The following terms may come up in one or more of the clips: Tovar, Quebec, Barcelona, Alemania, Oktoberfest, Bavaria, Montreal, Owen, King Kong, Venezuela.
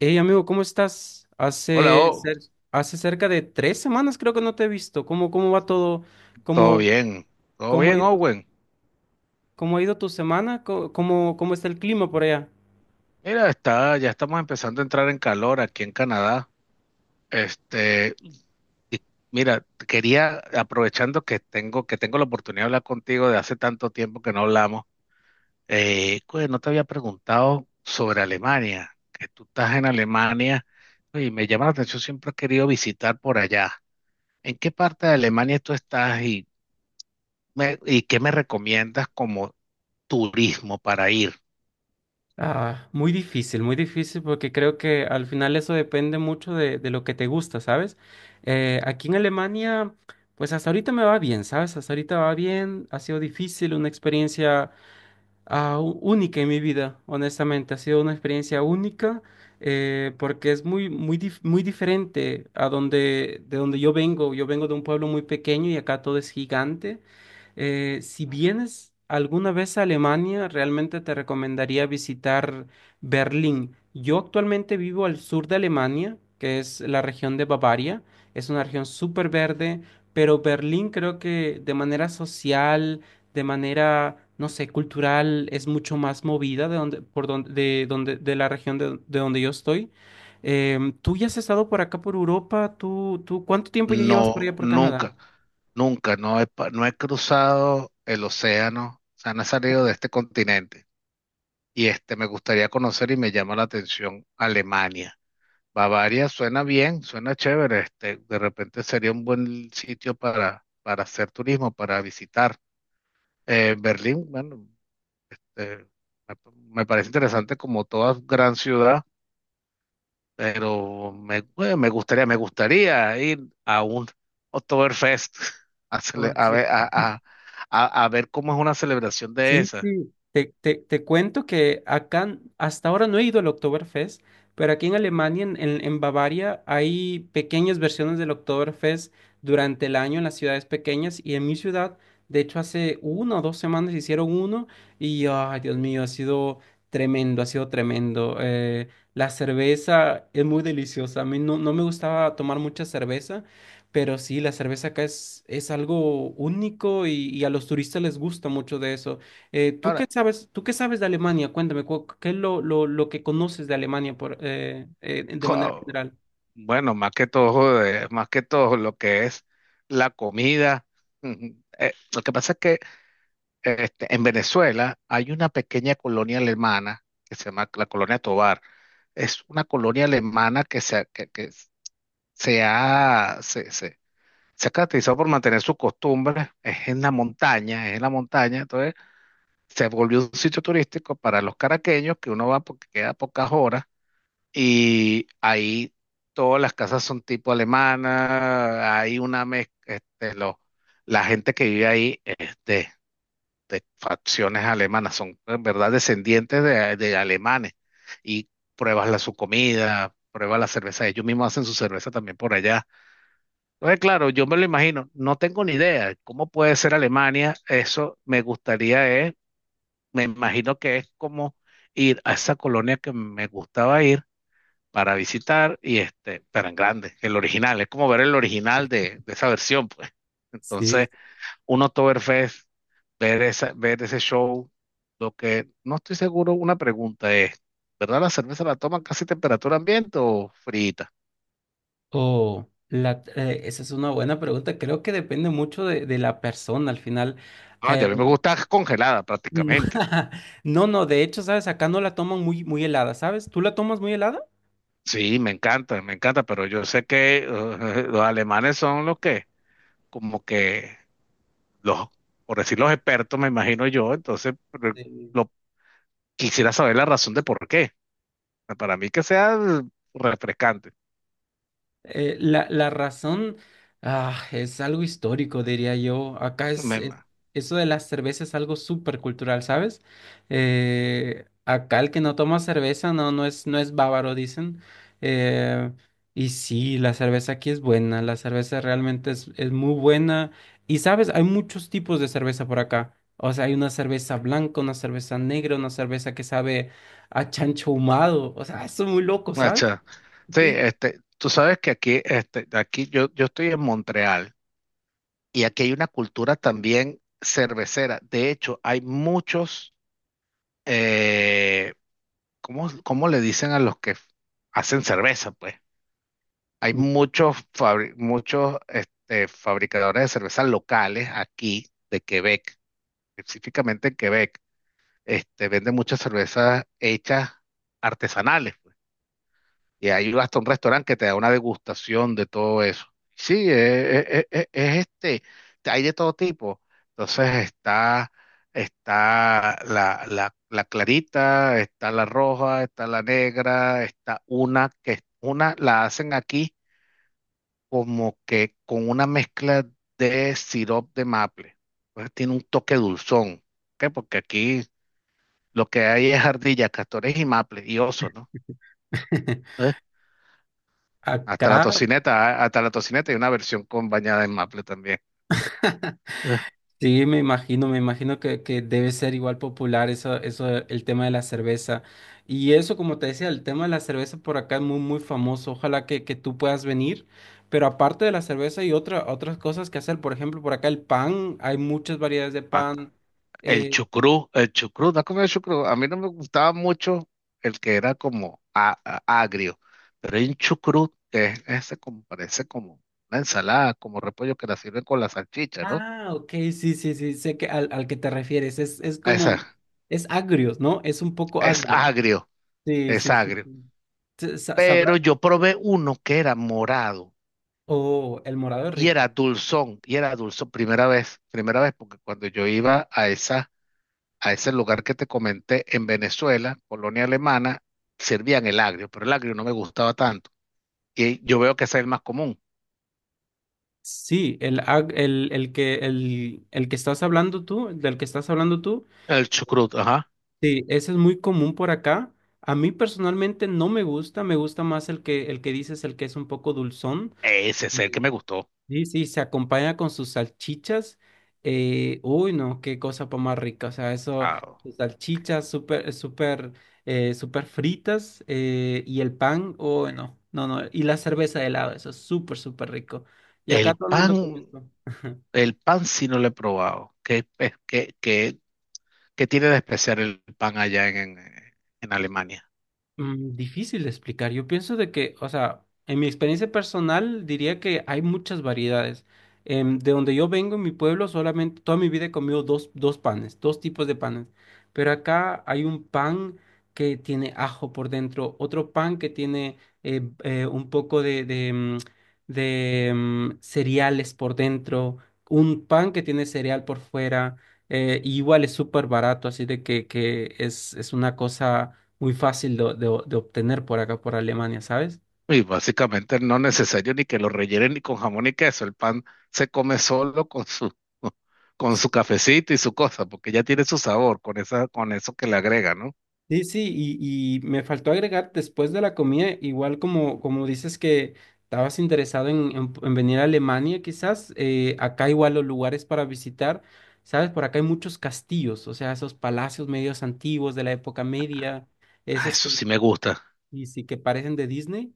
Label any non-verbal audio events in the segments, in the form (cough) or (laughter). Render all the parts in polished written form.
Hey amigo, ¿cómo estás? Hola, Hace, O. cer- hace cerca de 3 semanas creo que no te he visto. ¿Cómo va todo? Todo ¿Cómo, bien. Todo cómo ha bien, ido, Owen. cómo ha ido tu semana? ¿Cómo está el clima por allá? Mira, está, ya estamos empezando a entrar en calor aquí en Canadá. Este, y mira, quería, aprovechando que tengo la oportunidad de hablar contigo de hace tanto tiempo que no hablamos. No te había preguntado sobre Alemania, que tú estás en Alemania y me llama la atención, siempre he querido visitar por allá. ¿En qué parte de Alemania tú estás y, y qué me recomiendas como turismo para ir? Ah, muy difícil porque creo que al final eso depende mucho de lo que te gusta, ¿sabes? Aquí en Alemania, pues hasta ahorita me va bien, ¿sabes? Hasta ahorita va bien, ha sido difícil, una experiencia única en mi vida, honestamente. Ha sido una experiencia única porque es muy, muy, muy diferente de donde yo vengo. Yo vengo de un pueblo muy pequeño y acá todo es gigante. Si vienes alguna vez a Alemania, realmente te recomendaría visitar Berlín. Yo actualmente vivo al sur de Alemania, que es la región de Bavaria. Es una región súper verde, pero Berlín creo que de manera social, de manera, no sé, cultural, es mucho más movida de donde, por donde, de la región de donde yo estoy. Tú ya has estado por acá, por Europa, ¿cuánto tiempo ya llevas por No, allá, por Canadá? nunca, nunca, no he, no he cruzado el océano, o sea, no he salido de este continente. Y me gustaría conocer y me llama la atención Alemania. Bavaria suena bien, suena chévere, de repente sería un buen sitio para hacer turismo, para visitar. Berlín, bueno, eh, me me parece interesante como toda gran ciudad, pero me, bueno, me gustaría ir a un Oktoberfest (laughs) a, Oh, a sí. ver, a ver cómo es una celebración de Sí, esa. sí. Te cuento que acá hasta ahora no he ido al Oktoberfest, pero aquí en Alemania, en Bavaria, hay pequeñas versiones del Oktoberfest durante el año en las ciudades pequeñas y en mi ciudad, de hecho, hace 1 o 2 semanas hicieron uno y, ay, Dios mío, ha sido tremendo, ha sido tremendo. La cerveza es muy deliciosa. A mí no me gustaba tomar mucha cerveza. Pero sí, la cerveza acá es algo único y a los turistas les gusta mucho de eso. ¿Tú qué Ahora, sabes, tú qué sabes de Alemania? Cuéntame, ¿qué es lo que conoces de Alemania de manera wow, general? bueno, más que todo lo que es la comida. mm, lo que pasa es que en Venezuela hay una pequeña colonia alemana que se llama la colonia Tovar. Es una colonia alemana que se ha, se ha caracterizado por mantener sus costumbres. Es en la montaña, entonces se volvió un sitio turístico para los caraqueños, que uno va porque queda pocas horas. Y ahí todas las casas son tipo alemana, hay una mezcla. La gente que vive ahí es de facciones alemanas, son en verdad descendientes de alemanes, y pruebas su comida, pruebas la cerveza, ellos mismos hacen su cerveza también por allá. Entonces, claro, yo me lo imagino, no tengo ni idea cómo puede ser Alemania, eso me gustaría. Es, me imagino que es como ir a esa colonia que me gustaba ir para visitar, pero en grande, el original, es como ver el original de esa versión, pues. Sí. Entonces, un Oktoberfest, ver esa, ver ese show. Lo que no estoy seguro, una pregunta es, ¿verdad la cerveza la toman casi temperatura ambiente o frita? Oh, esa es una buena pregunta. Creo que depende mucho de la persona al final. No, ya Eh, a mí me gusta congelada no, prácticamente. (laughs) no, no, de hecho, ¿sabes? Acá no la toman muy, muy helada, ¿sabes? ¿Tú la tomas muy helada? Sí, me encanta, pero yo sé que (laughs) los alemanes son los que, como que, los, por decir los expertos, me imagino yo, entonces pero Sí. lo, quisiera saber la razón de por qué. Para mí, que sea refrescante. La razón es algo histórico, diría yo. Acá Me, ma- eso de las cervezas es algo súper cultural, ¿sabes? Acá el que no toma cerveza no, no es bávaro, dicen. Eh, y sí, la cerveza aquí es buena, la cerveza realmente es muy buena. Y sabes, hay muchos tipos de cerveza por acá. O sea, hay una cerveza blanca, una cerveza negra, una cerveza que sabe a chancho ahumado. O sea, eso es muy loco, ¿sabes? macha. Sí, Sí. este, tú sabes que aquí, este, yo estoy en Montreal y aquí hay una cultura también cervecera. De hecho, hay muchos, eh, ¿cómo, cómo le dicen a los que hacen cerveza, pues? Hay muchos, muchos fabricadores de cervezas locales aquí de Quebec, específicamente en Quebec. Venden muchas cervezas hechas artesanales, pues. Y hay hasta un restaurante que te da una degustación de todo eso. Sí, hay de todo tipo. Entonces está, está la clarita, está la roja, está la negra, está una que una la hacen aquí como que con una mezcla de sirope de maple. Pues tiene un toque dulzón, ¿ok? Porque aquí lo que hay es ardillas, castores y maple y osos, ¿no? (laughs) ¿Eh? Hasta la Acá, tocineta, ah, hasta la tocineta hay una versión con bañada en maple también. (laughs) ¿Eh? sí, me imagino que debe ser igual popular eso, eso, el tema de la cerveza. Y eso, como te decía, el tema de la cerveza por acá es muy, muy famoso. Ojalá que tú puedas venir. Pero aparte de la cerveza hay otras cosas que hacer. Por ejemplo, por acá el pan, hay muchas variedades de pan. Eh, El chucrú, ¿no has comido chucrú? A mí no me gustaba mucho el que era como agrio, pero hay un chucrú que es ese como, parece como una ensalada, como repollo, que la sirven con la salchicha, ¿no? Ok, sí, sí, sí, sé que al que te refieres. Es Ah, esa, como, es agrio, ¿no? Es un poco es agrio. agrio, Sí, es sí, sí, agrio. sí. ¿Sabrá? Pero yo probé uno que era morado Oh, el morado es rico. Y era dulzón, primera vez, porque cuando yo iba a esa, a ese lugar que te comenté en Venezuela, colonia alemana, servían el agrio, pero el agrio no me gustaba tanto. Y yo veo que ese es el más común. Sí, el, ag- el que estás hablando tú, del que estás hablando tú, El chucrut, ajá. sí, ese es muy común por acá. A mí personalmente no me gusta, me gusta más el que dices, el que es un poco dulzón. Ese es el Mm. que me gustó. Sí, sí, se acompaña con sus salchichas. Uy, no, qué cosa pa' más rica. O sea, eso, Ah, sus salchichas súper, súper, súper fritas y el pan, uy, no, no, no. Y la cerveza de helado, eso es súper, súper rico. Y acá el todo el mundo come pan, esto. el pan sí no lo he probado. ¿Qué, qué tiene de especial el pan allá en, en Alemania? Difícil de explicar. Yo pienso de que, o sea, en mi experiencia personal diría que hay muchas variedades. De donde yo vengo, en mi pueblo, solamente toda mi vida he comido dos panes, dos tipos de panes. Pero acá hay un pan que tiene ajo por dentro, otro pan que tiene un poco de cereales por dentro, un pan que tiene cereal por fuera. Y igual es súper barato, así de que es una cosa muy fácil de obtener por acá, por Alemania, ¿sabes? Y básicamente no es necesario ni que lo rellenen ni con jamón ni queso. El pan se come solo con su, (laughs) con su cafecito y su cosa, porque ya tiene su sabor con esa, con eso que le agrega, ¿no? Sí, sí, y me faltó agregar después de la comida, igual como dices que estabas interesado en venir a Alemania, quizás, acá igual los lugares para visitar, ¿sabes? Por acá hay muchos castillos, o sea, esos palacios medios antiguos de la época media, Ah, esos eso que, sí me gusta. y sí, que parecen de Disney.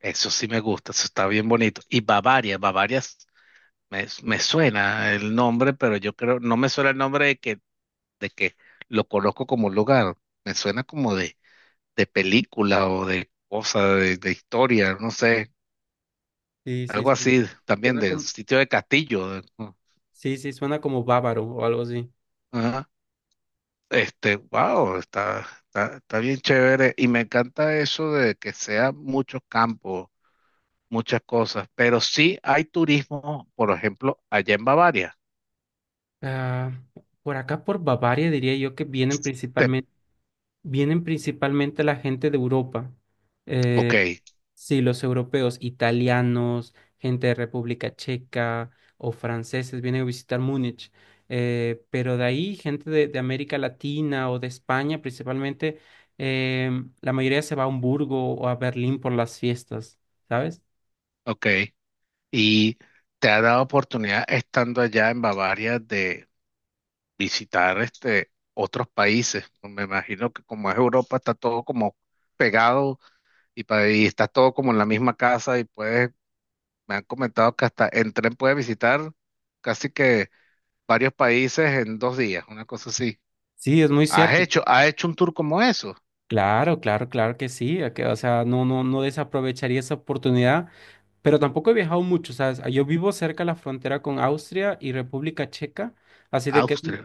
Eso sí me gusta. Eso está bien bonito. Y Bavaria, Bavaria me, me suena el nombre, pero yo creo, no me suena el nombre de que lo conozco como un lugar. Me suena como de película o de cosa, de historia, no sé, Sí, sí, algo sí, así, también suena de como, sitio de castillo. Sí, sí, suena como bávaro o algo así. Ajá. Wow, está, está bien chévere. Y me encanta eso de que sea muchos campos, muchas cosas. Pero sí hay turismo, por ejemplo, allá en Bavaria. Ah, por acá, por Bavaria, diría yo que vienen Te- principalmente. Vienen principalmente la gente de Europa. Mm. ok, Eh, sí, los europeos, italianos, gente de República Checa o franceses vienen a visitar Múnich. Pero de ahí, gente de América Latina o de España principalmente, eh, la mayoría se va a Hamburgo o a Berlín por las fiestas, ¿sabes? ok. Y te ha dado oportunidad estando allá en Bavaria de visitar otros países. Me imagino que como es Europa está todo como pegado y, y está todo como en la misma casa y puedes, me han comentado que hasta en tren puedes visitar casi que varios países en dos días, una cosa así. Sí, es muy cierto. Has hecho un tour como eso? Claro, claro, claro que sí. O sea, no, no, no desaprovecharía esa oportunidad. Pero tampoco he viajado mucho, ¿sabes? Ah, yo vivo cerca de la frontera con Austria y República Checa, así de que sí, Austria.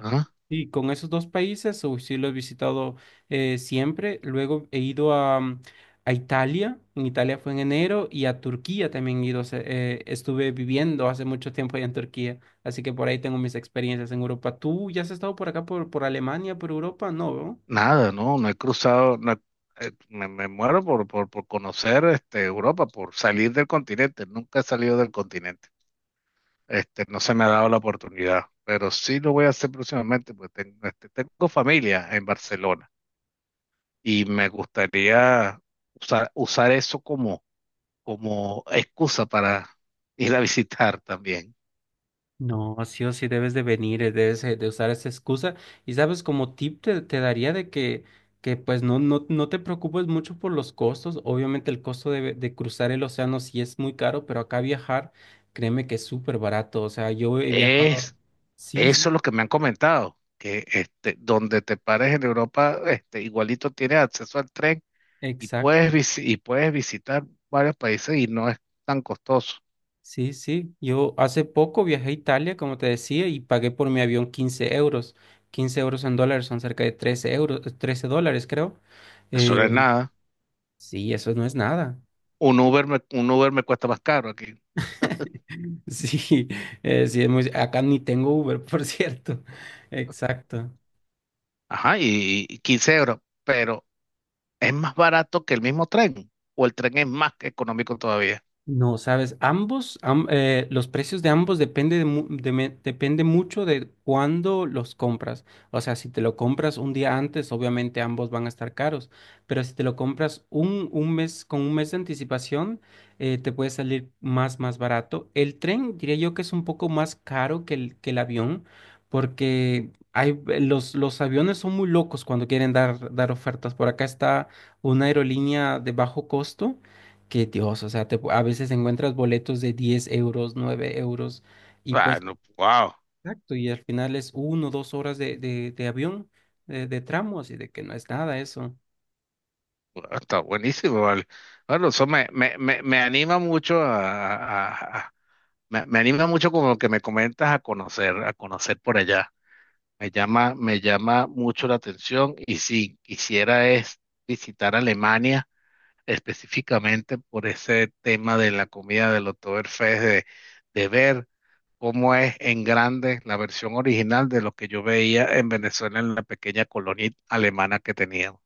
sí, con esos dos países uy, sí lo he visitado siempre. Luego he ido a Italia, en Italia fue en enero, y a Turquía también he ido, estuve viviendo hace mucho tiempo allá en Turquía, así que por ahí tengo mis experiencias en Europa. ¿Tú ya has estado por acá, por Alemania, por Europa? No, ¿no? Nada, no, no he cruzado, no he- me, me muero por conocer Europa, por salir del continente, nunca he salido del continente. No se me ha dado la oportunidad, pero sí lo voy a hacer próximamente, porque tengo, tengo familia en Barcelona y me gustaría usar eso como como excusa para (laughs) ir a visitar también. No, sí o sí debes de venir, debes de usar esa excusa. Y sabes, como tip te daría de que pues no, no, no te preocupes mucho por los costos. Obviamente el costo de cruzar el océano sí es muy caro, pero acá viajar, créeme que es súper barato. O sea, yo he viajado. Es, Sí, eso sí, es lo que me han comentado, que donde te pares en Europa, igualito tienes acceso al tren y puedes, exacto. Y puedes visitar varios países y no es tan costoso. Sí, sí. Yo hace poco viajé a Italia, como te decía, y pagué por mi avión 15 euros. 15 euros en dólares son cerca de 13 euros, 13 dólares, creo. Eso no es Eh, nada. sí, eso no es nada. Un Uber me cuesta más caro aquí. (laughs) Sí, sí, es muy. Acá ni tengo Uber, por cierto. (laughs) Exacto. Ajá, y 15 euros, pero es más barato que el mismo tren, o el tren es más económico todavía. No, sabes, ambos, los precios de ambos depende, de mu- de me- depende mucho de cuándo los compras. O sea, si te lo compras un día antes, obviamente ambos van a estar caros. Pero si te lo compras un mes, con un mes de anticipación, te puede salir más, más barato. El tren, diría yo que es un poco más caro que que el avión, porque los aviones son muy locos cuando quieren dar ofertas. Por acá está una aerolínea de bajo costo que Dios, o sea, a veces encuentras boletos de 10 euros, 9 euros, y Ah, pues, no, wow, exacto, y al final es 2 horas de avión, de tramos, y de que no es nada eso. está buenísimo, vale. Bueno, eso me anima mucho a, a- a- me, me anima mucho con lo que me comentas a conocer por allá. Me llama mucho la atención y si quisiera es visitar Alemania específicamente por ese tema de la comida del Oktoberfest, de ver cómo es en grande la versión original de lo que yo veía en Venezuela en la pequeña colonia alemana que teníamos.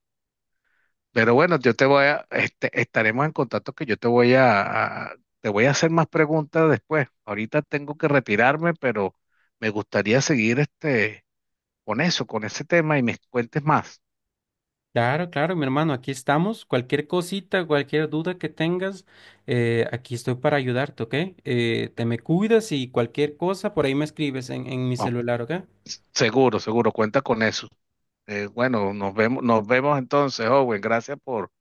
Pero bueno, yo te voy a, estaremos en contacto, que yo te voy a, te voy a hacer más preguntas después. Ahorita tengo que retirarme, pero me gustaría seguir con eso, con ese tema, y me cuentes más. Claro, claro, mi hermano, aquí estamos. Cualquier cosita, cualquier duda que tengas, aquí estoy para ayudarte, ¿ok? Te me cuidas y cualquier cosa, por ahí me escribes en mi Oh, celular, ¿ok? seguro, seguro, cuenta con eso. Bueno, nos vemos entonces, Owen. Gracias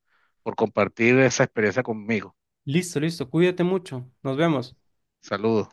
por compartir esa experiencia conmigo. Listo, listo, cuídate mucho, nos vemos. Saludos.